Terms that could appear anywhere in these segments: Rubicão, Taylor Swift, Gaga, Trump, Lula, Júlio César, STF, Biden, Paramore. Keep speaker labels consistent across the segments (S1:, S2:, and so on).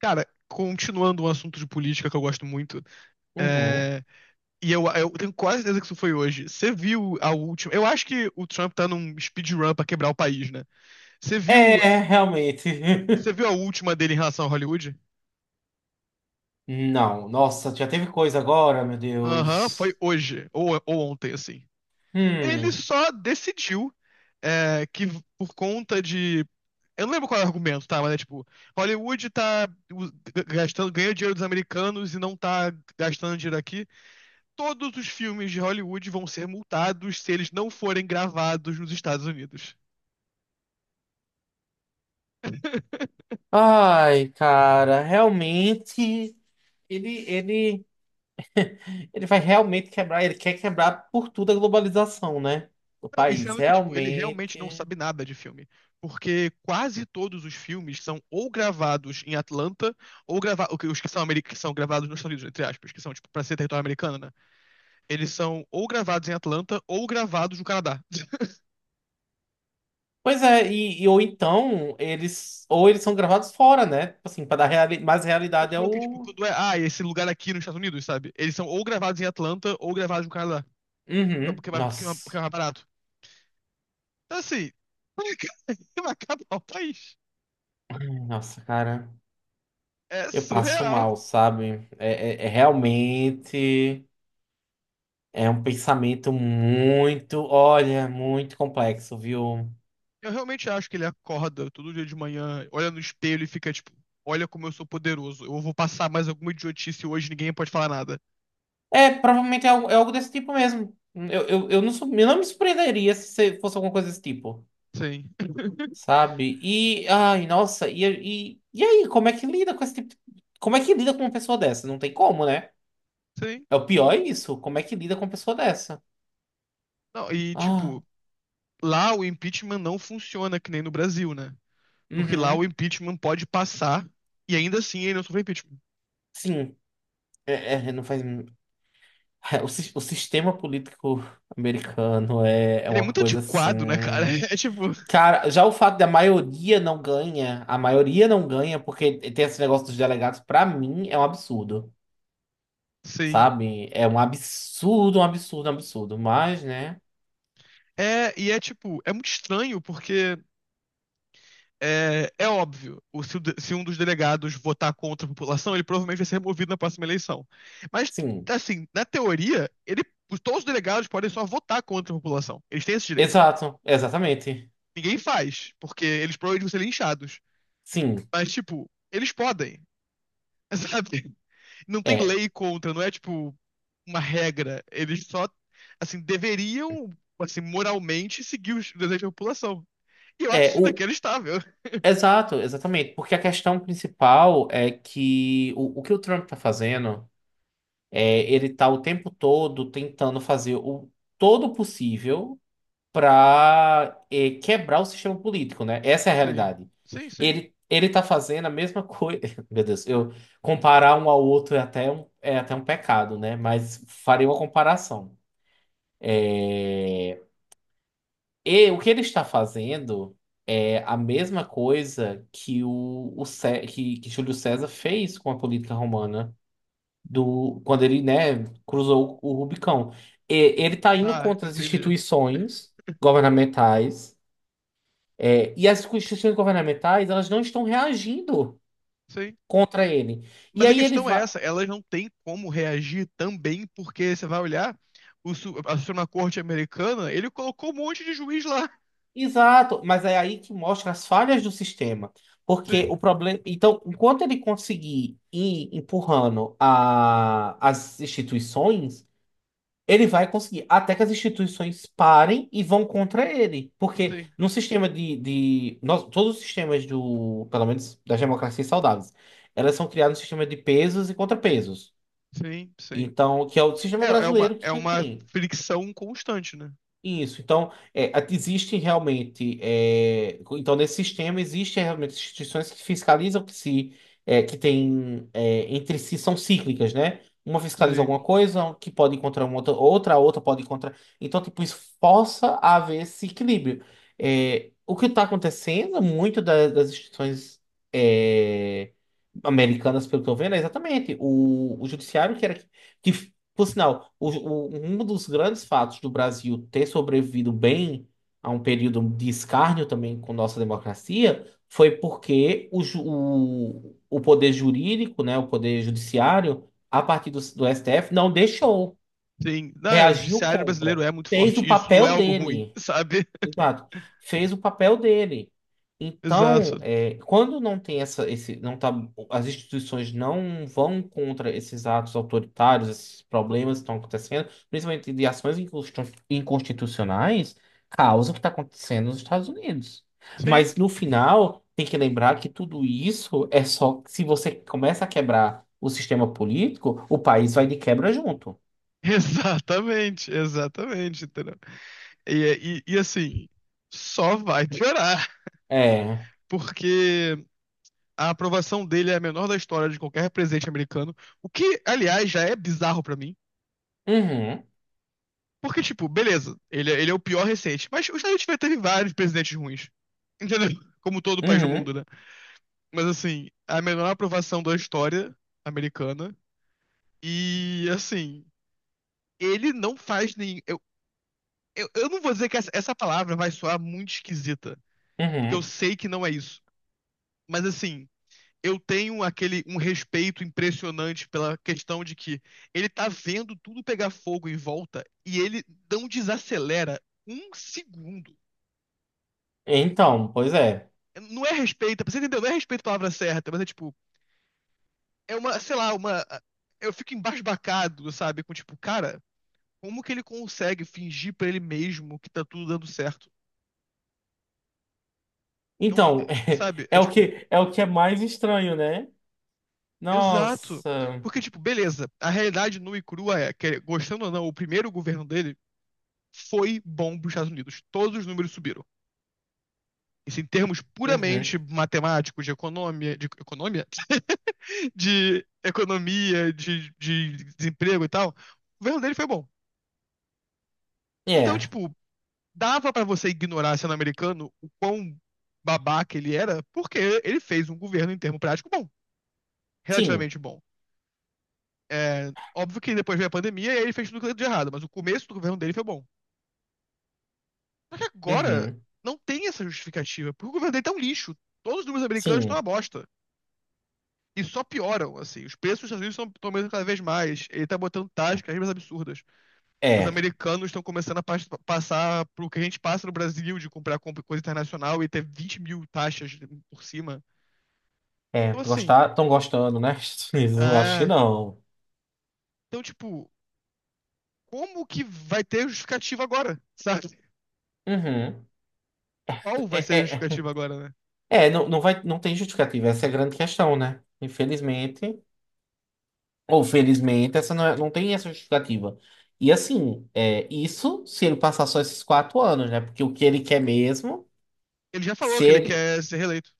S1: Cara, continuando um assunto de política que eu gosto muito,
S2: Uhum.
S1: é, e eu tenho quase certeza que isso foi hoje. Você viu a última. Eu acho que o Trump tá num speedrun pra quebrar o país, né? Você viu,
S2: É, realmente.
S1: você viu a última dele em relação a Hollywood?
S2: Não, nossa, já teve coisa agora, meu
S1: Aham, foi
S2: Deus.
S1: hoje, ou ontem, assim. Ele
S2: Hum.
S1: só decidiu que por conta de. Eu não lembro qual é o argumento, tá? Mas é tipo, Hollywood tá u- gastando, ganhando dinheiro dos americanos e não tá gastando dinheiro aqui. Todos os filmes de Hollywood vão ser multados se eles não forem gravados nos Estados Unidos.
S2: Ai, cara, realmente. Ele, ele, ele vai realmente quebrar, ele quer quebrar por tudo a globalização, né? Do
S1: Não, e
S2: país,
S1: sendo que, tipo, ele realmente não
S2: realmente.
S1: sabe nada de filme. Porque quase todos os filmes são ou gravados em Atlanta, ou gravados. Os que são, que são gravados nos Estados Unidos, entre aspas, que são, tipo, pra ser território americano, né? Eles são ou gravados em Atlanta, ou gravados no Canadá.
S2: Pois é, e ou então eles ou eles são gravados fora, né? Tipo assim, para dar reali mais
S1: Eu tô
S2: realidade é
S1: falando que, tipo,
S2: o.
S1: quando é. Ah, esse lugar aqui nos Estados Unidos, sabe? Eles são ou gravados em Atlanta, ou gravados no Canadá.
S2: Uhum.
S1: Porque é mais porque
S2: Nossa.
S1: é mais barato. Então, assim. Vai acabar o país.
S2: Ai, nossa, cara.
S1: É
S2: Eu passo
S1: surreal.
S2: mal, sabe? É realmente é um pensamento muito, olha, muito complexo, viu?
S1: Eu realmente acho que ele acorda todo dia de manhã, olha no espelho e fica tipo, olha como eu sou poderoso. Eu vou passar mais alguma idiotice hoje, ninguém pode falar nada.
S2: É, provavelmente é algo desse tipo mesmo. Eu não me surpreenderia se você fosse alguma coisa desse tipo,
S1: Sim.
S2: sabe? E, ai, nossa, aí, como é que lida com esse tipo de. Como é que lida com uma pessoa dessa? Não tem como, né?
S1: Sim.
S2: É o pior é isso. Como é que lida com uma pessoa dessa?
S1: Não, e
S2: Ah,
S1: tipo, lá o impeachment não funciona que nem no Brasil, né? Porque lá o
S2: uhum,
S1: impeachment pode passar e ainda assim ele não sofre impeachment.
S2: sim. É, não faz. É, o sistema político americano é, é
S1: Ele é
S2: uma
S1: muito
S2: coisa
S1: antiquado, né, cara?
S2: assim.
S1: É tipo,
S2: Cara, já o fato da maioria não ganha, a maioria não ganha porque tem esse negócio dos delegados, pra mim é um absurdo,
S1: sim.
S2: sabe? É um absurdo, um absurdo, um absurdo. Mas, né?
S1: E é tipo, é muito estranho porque é, é óbvio, o- se, o de- se um dos delegados votar contra a população, ele provavelmente vai ser removido na próxima eleição. Mas,
S2: Sim.
S1: assim, na teoria, todos os delegados podem só votar contra a população. Eles têm esse direito.
S2: Exato, exatamente.
S1: Ninguém faz, porque eles provavelmente vão ser linchados.
S2: Sim.
S1: Mas, tipo, eles podem, sabe? Não tem
S2: É,
S1: lei contra, não é, tipo, uma regra. Eles só, assim, deveriam, assim, moralmente seguir os desejos da população. E eu acho
S2: é
S1: isso
S2: o.
S1: inacreditável.
S2: Exato, exatamente. Porque a questão principal é que o que o Trump tá fazendo. É, ele tá o tempo todo tentando fazer o todo possível para quebrar o sistema político, né? Essa é a
S1: Sim,
S2: realidade.
S1: sim, sim.
S2: Ele tá fazendo a mesma coisa. Meu Deus, eu comparar um ao outro é até um, pecado, né? Mas farei uma comparação. É, E o que ele está fazendo é a mesma coisa que Júlio César fez com a política romana. Do quando ele, né, cruzou o Rubicão. Ele está indo
S1: Tá,
S2: contra as
S1: entendi.
S2: instituições governamentais, e as instituições governamentais, elas não estão reagindo
S1: Sim.
S2: contra ele. E
S1: Mas a
S2: aí ele
S1: questão é
S2: vai.
S1: essa, elas não têm como reagir também, porque você vai olhar, a Suprema Corte americana, ele colocou um monte de juiz lá.
S2: Exato, mas é aí que mostra as falhas do sistema. Porque
S1: Sim,
S2: o problema. Então, enquanto ele conseguir ir empurrando as instituições, ele vai conseguir, até que as instituições parem e vão contra ele. Porque
S1: sim,
S2: no sistema de nós, todos os sistemas do, pelo menos das democracias saudáveis, elas são criadas no sistema de pesos e contrapesos.
S1: sim, sim.
S2: Então, que é o sistema
S1: É,
S2: brasileiro
S1: é
S2: que a gente
S1: uma
S2: tem.
S1: fricção constante, né?
S2: Isso, então, existem realmente, então nesse sistema existem realmente instituições que fiscalizam que se, que tem, entre si são cíclicas, né? Uma fiscaliza
S1: Sim,
S2: alguma coisa, um que pode encontrar uma outra, outra, a outra pode encontrar, então, tipo, isso força a haver esse equilíbrio. É, o que está acontecendo, muito das instituições, é, americanas, pelo que eu tô vendo, é exatamente o judiciário que era, que por sinal, um dos grandes fatos do Brasil ter sobrevivido bem a um período de escárnio também com nossa democracia foi porque o poder jurídico, né, o poder judiciário, a partir do STF, não deixou,
S1: sim. Não, o
S2: reagiu
S1: judiciário brasileiro
S2: contra,
S1: é muito
S2: fez o
S1: forte. Isso não é
S2: papel
S1: algo ruim,
S2: dele.
S1: sabe?
S2: Exato. Fez o papel dele. Então,
S1: Exato.
S2: quando não tem essa, esse, não tá, as instituições não vão contra esses atos autoritários, esses problemas que estão acontecendo, principalmente de ações inconstitucionais, causa o que está acontecendo nos Estados Unidos.
S1: Sim.
S2: Mas no final, tem que lembrar que tudo isso é só se você começa a quebrar o sistema político, o país vai de quebra junto.
S1: Exatamente, exatamente, entendeu? E assim, só vai piorar,
S2: É.
S1: porque a aprovação dele é a menor da história de qualquer presidente americano. O que, aliás, já é bizarro pra mim.
S2: Uhum,
S1: Porque, tipo, beleza, ele é o pior recente. Mas os Estados Unidos já teve vários presidentes ruins. Entendeu? Como todo país do
S2: uhum,
S1: mundo, né? Mas, assim, a menor aprovação da história americana. E, assim, ele não faz nem. Eu não vou dizer que essa palavra vai soar muito esquisita. Porque eu
S2: uhum.
S1: sei que não é isso. Mas, assim, eu tenho aquele um respeito impressionante pela questão de que ele tá vendo tudo pegar fogo em volta e ele não desacelera um segundo.
S2: Então, pois é.
S1: Não é respeito, você entendeu? Não é respeito a palavra certa, mas é tipo, é uma, sei lá, uma. Eu fico embasbacado, sabe? Com tipo, cara, como que ele consegue fingir pra ele mesmo que tá tudo dando certo? Não,
S2: Então,
S1: é, sabe? É tipo,
S2: o que é mais estranho, né?
S1: exato.
S2: Nossa.
S1: Porque, tipo, beleza, a realidade nua e crua é que, gostando ou não, o primeiro governo deles foi bom para os Estados Unidos. Todos os números subiram. Isso em termos puramente
S2: Uhum.
S1: matemáticos, de economia, de, de desemprego e tal, o governo dele foi bom. Então,
S2: É.
S1: tipo, dava para você ignorar sendo americano o quão babaca ele era, porque ele fez um governo em termo prático bom,
S2: Sim.
S1: relativamente bom. É, óbvio que depois veio a pandemia e aí ele fez tudo de errado, mas o começo do governo dele foi bom. E agora
S2: Uhum.
S1: não tem essa justificativa, porque o governo dele tá um lixo. Todos os números americanos estão uma
S2: Sim.
S1: bosta. E só pioram, assim. Os preços dos Estados Unidos estão aumentando cada vez mais. Ele tá botando taxas cada vez mais absurdas. Os
S2: É.
S1: americanos estão começando a passar pro que a gente passa no Brasil, de comprar coisa internacional e ter 20 mil taxas por cima.
S2: É.
S1: Então, assim,
S2: Gostar, estão gostando, né? Eu acho que
S1: é...
S2: não.
S1: Então, tipo, como que vai ter justificativa agora, sabe?
S2: Uhum.
S1: Qual vai ser a
S2: É, é,
S1: justificativa agora, né?
S2: é, não, não vai, não tem justificativa. Essa é a grande questão, né? Infelizmente, ou felizmente, essa não, não tem essa justificativa. E assim, isso se ele passar só esses quatro anos, né? Porque o que ele quer mesmo,
S1: Ele já falou que ele
S2: ser.
S1: quer ser reeleito.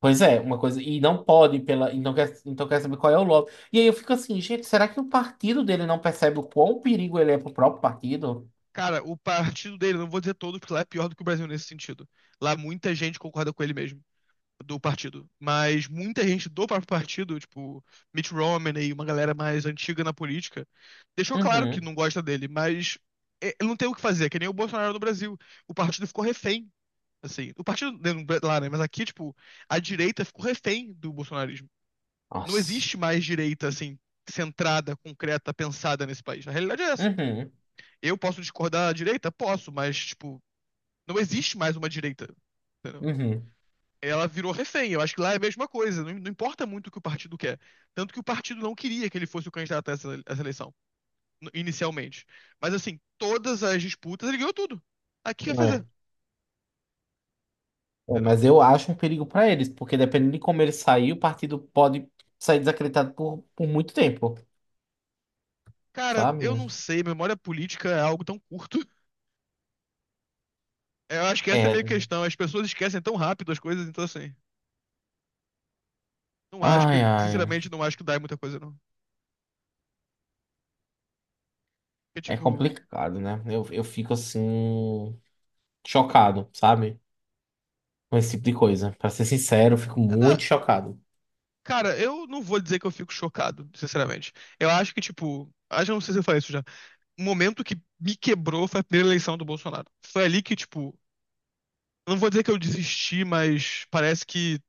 S2: Pois é, uma coisa. E não pode, pela, e não quer, então quer saber qual é o lobby. E aí eu fico assim, gente, será que o partido dele não percebe o quão perigo ele é pro próprio partido?
S1: Cara, o partido dele, não vou dizer todos, porque lá é pior do que o Brasil nesse sentido. Lá muita gente concorda com ele mesmo. Do partido, mas muita gente do próprio partido, tipo Mitt Romney, uma galera mais antiga na política, deixou claro que
S2: Uhum.
S1: não gosta dele, mas é, ele não tem o que fazer, que nem o Bolsonaro no Brasil. O partido ficou refém, assim. O partido né, lá, né? Mas aqui, tipo, a direita ficou refém do bolsonarismo. Não
S2: Nossa.
S1: existe mais direita, assim, centrada, concreta, pensada nesse país. A realidade é essa.
S2: Uhum.
S1: Eu posso discordar da direita? Posso, mas, tipo, não existe mais uma direita. Entendeu?
S2: Uhum.
S1: Ela virou refém. Eu acho que lá é a mesma coisa. Não, não importa muito o que o partido quer. Tanto que o partido não queria que ele fosse o candidato a a essa eleição, inicialmente. Mas assim, todas as disputas, ele ganhou tudo. Aqui ia
S2: É.
S1: fazer,
S2: É,
S1: entendeu?
S2: mas eu acho um perigo pra eles, porque dependendo de como ele sair, o partido pode sair desacreditado por muito tempo,
S1: Cara, eu
S2: sabe?
S1: não sei. Memória política é algo tão curto. Eu acho que essa é a minha
S2: É.
S1: questão. As pessoas esquecem tão rápido as coisas, então assim. Não acho que,
S2: Ai, ai.
S1: sinceramente, não acho que dá em muita coisa, não. É
S2: É
S1: tipo.
S2: complicado, né? Eu fico assim, chocado, sabe? Com esse tipo de coisa. Pra ser sincero, eu fico
S1: é na-
S2: muito chocado.
S1: Cara, eu não vou dizer que eu fico chocado, sinceramente. Eu acho que, tipo. Acho que não sei se eu falei isso já. O momento que me quebrou foi a primeira eleição do Bolsonaro. Foi ali que, tipo, eu não vou dizer que eu desisti, mas parece que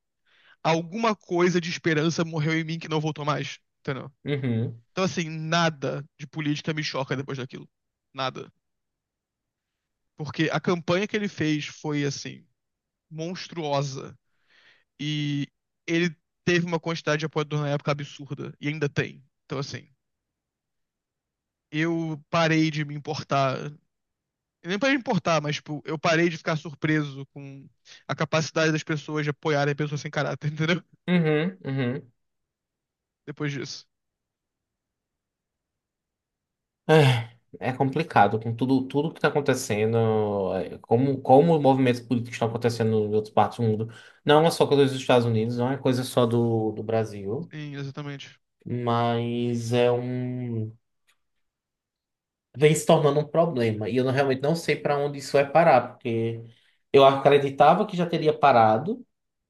S1: alguma coisa de esperança morreu em mim que não voltou mais, entendeu?
S2: Uhum.
S1: Então, assim, nada de política me choca depois daquilo. Nada. Porque a campanha que ele fez foi, assim, monstruosa. E ele teve uma quantidade de apoiadores na época absurda. E ainda tem. Então, assim, eu parei de me importar. Nem pra importar, mas, tipo, eu parei de ficar surpreso com a capacidade das pessoas de apoiarem pessoas sem caráter, entendeu?
S2: Uhum, uhum.
S1: Depois disso.
S2: Ah, é complicado com tudo, tudo que está acontecendo, como os movimentos políticos estão acontecendo em outras partes do mundo. Não é só coisa dos Estados Unidos, não é coisa só do Brasil,
S1: Sim, exatamente.
S2: mas é um. Vem se tornando um problema. E eu realmente não sei para onde isso vai parar, porque eu acreditava que já teria parado,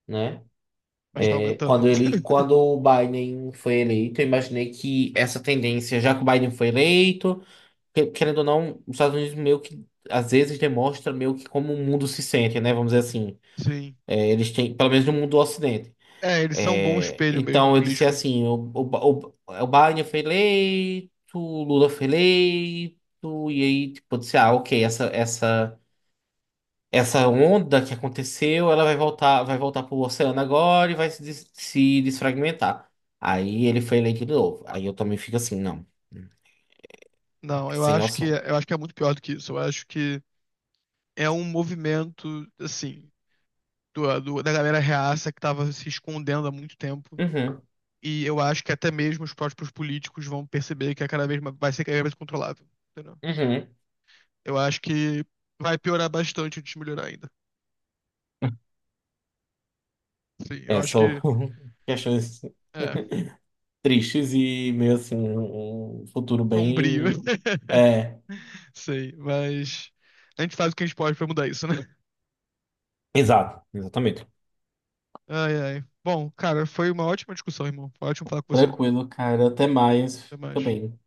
S2: né?
S1: Mas tá aumentando.
S2: Quando o Biden foi eleito, eu imaginei que essa tendência, já que o Biden foi eleito. Querendo ou não, os Estados Unidos meio que às vezes demonstra meio que como o mundo se sente, né? Vamos dizer assim.
S1: Sim.
S2: É, eles têm, pelo menos no mundo do Ocidente.
S1: É, eles são um bom
S2: É,
S1: espelho mesmo
S2: então eu disse
S1: político.
S2: assim: o Biden foi eleito, o Lula foi eleito, e aí, tipo, eu disse, ah, ok, essa, onda que aconteceu, ela vai voltar pro oceano agora e vai se desfragmentar. Aí ele foi eleito de novo. Aí eu também fico assim, não, hum,
S1: Não,
S2: é sem noção.
S1: eu acho que é muito pior do que isso. Eu acho que é um movimento, assim, da galera reaça que tava se escondendo há muito tempo.
S2: Uhum,
S1: E eu acho que até mesmo os próprios políticos vão perceber que é cada vez mais, vai ser cada vez mais controlável. Entendeu?
S2: uhum.
S1: Eu acho que vai piorar bastante antes de melhorar ainda. Sim, eu
S2: É,
S1: acho
S2: são
S1: que
S2: questões
S1: é
S2: tristes e meio assim, um futuro
S1: sombrio.
S2: bem. É,
S1: Sei, mas a gente faz o que a gente pode pra mudar isso, né?
S2: exato, exatamente.
S1: Ai, ai. Bom, cara, foi uma ótima discussão, irmão. Foi ótimo falar com você.
S2: Tranquilo, cara. Até mais.
S1: Até
S2: Fica
S1: mais.
S2: bem.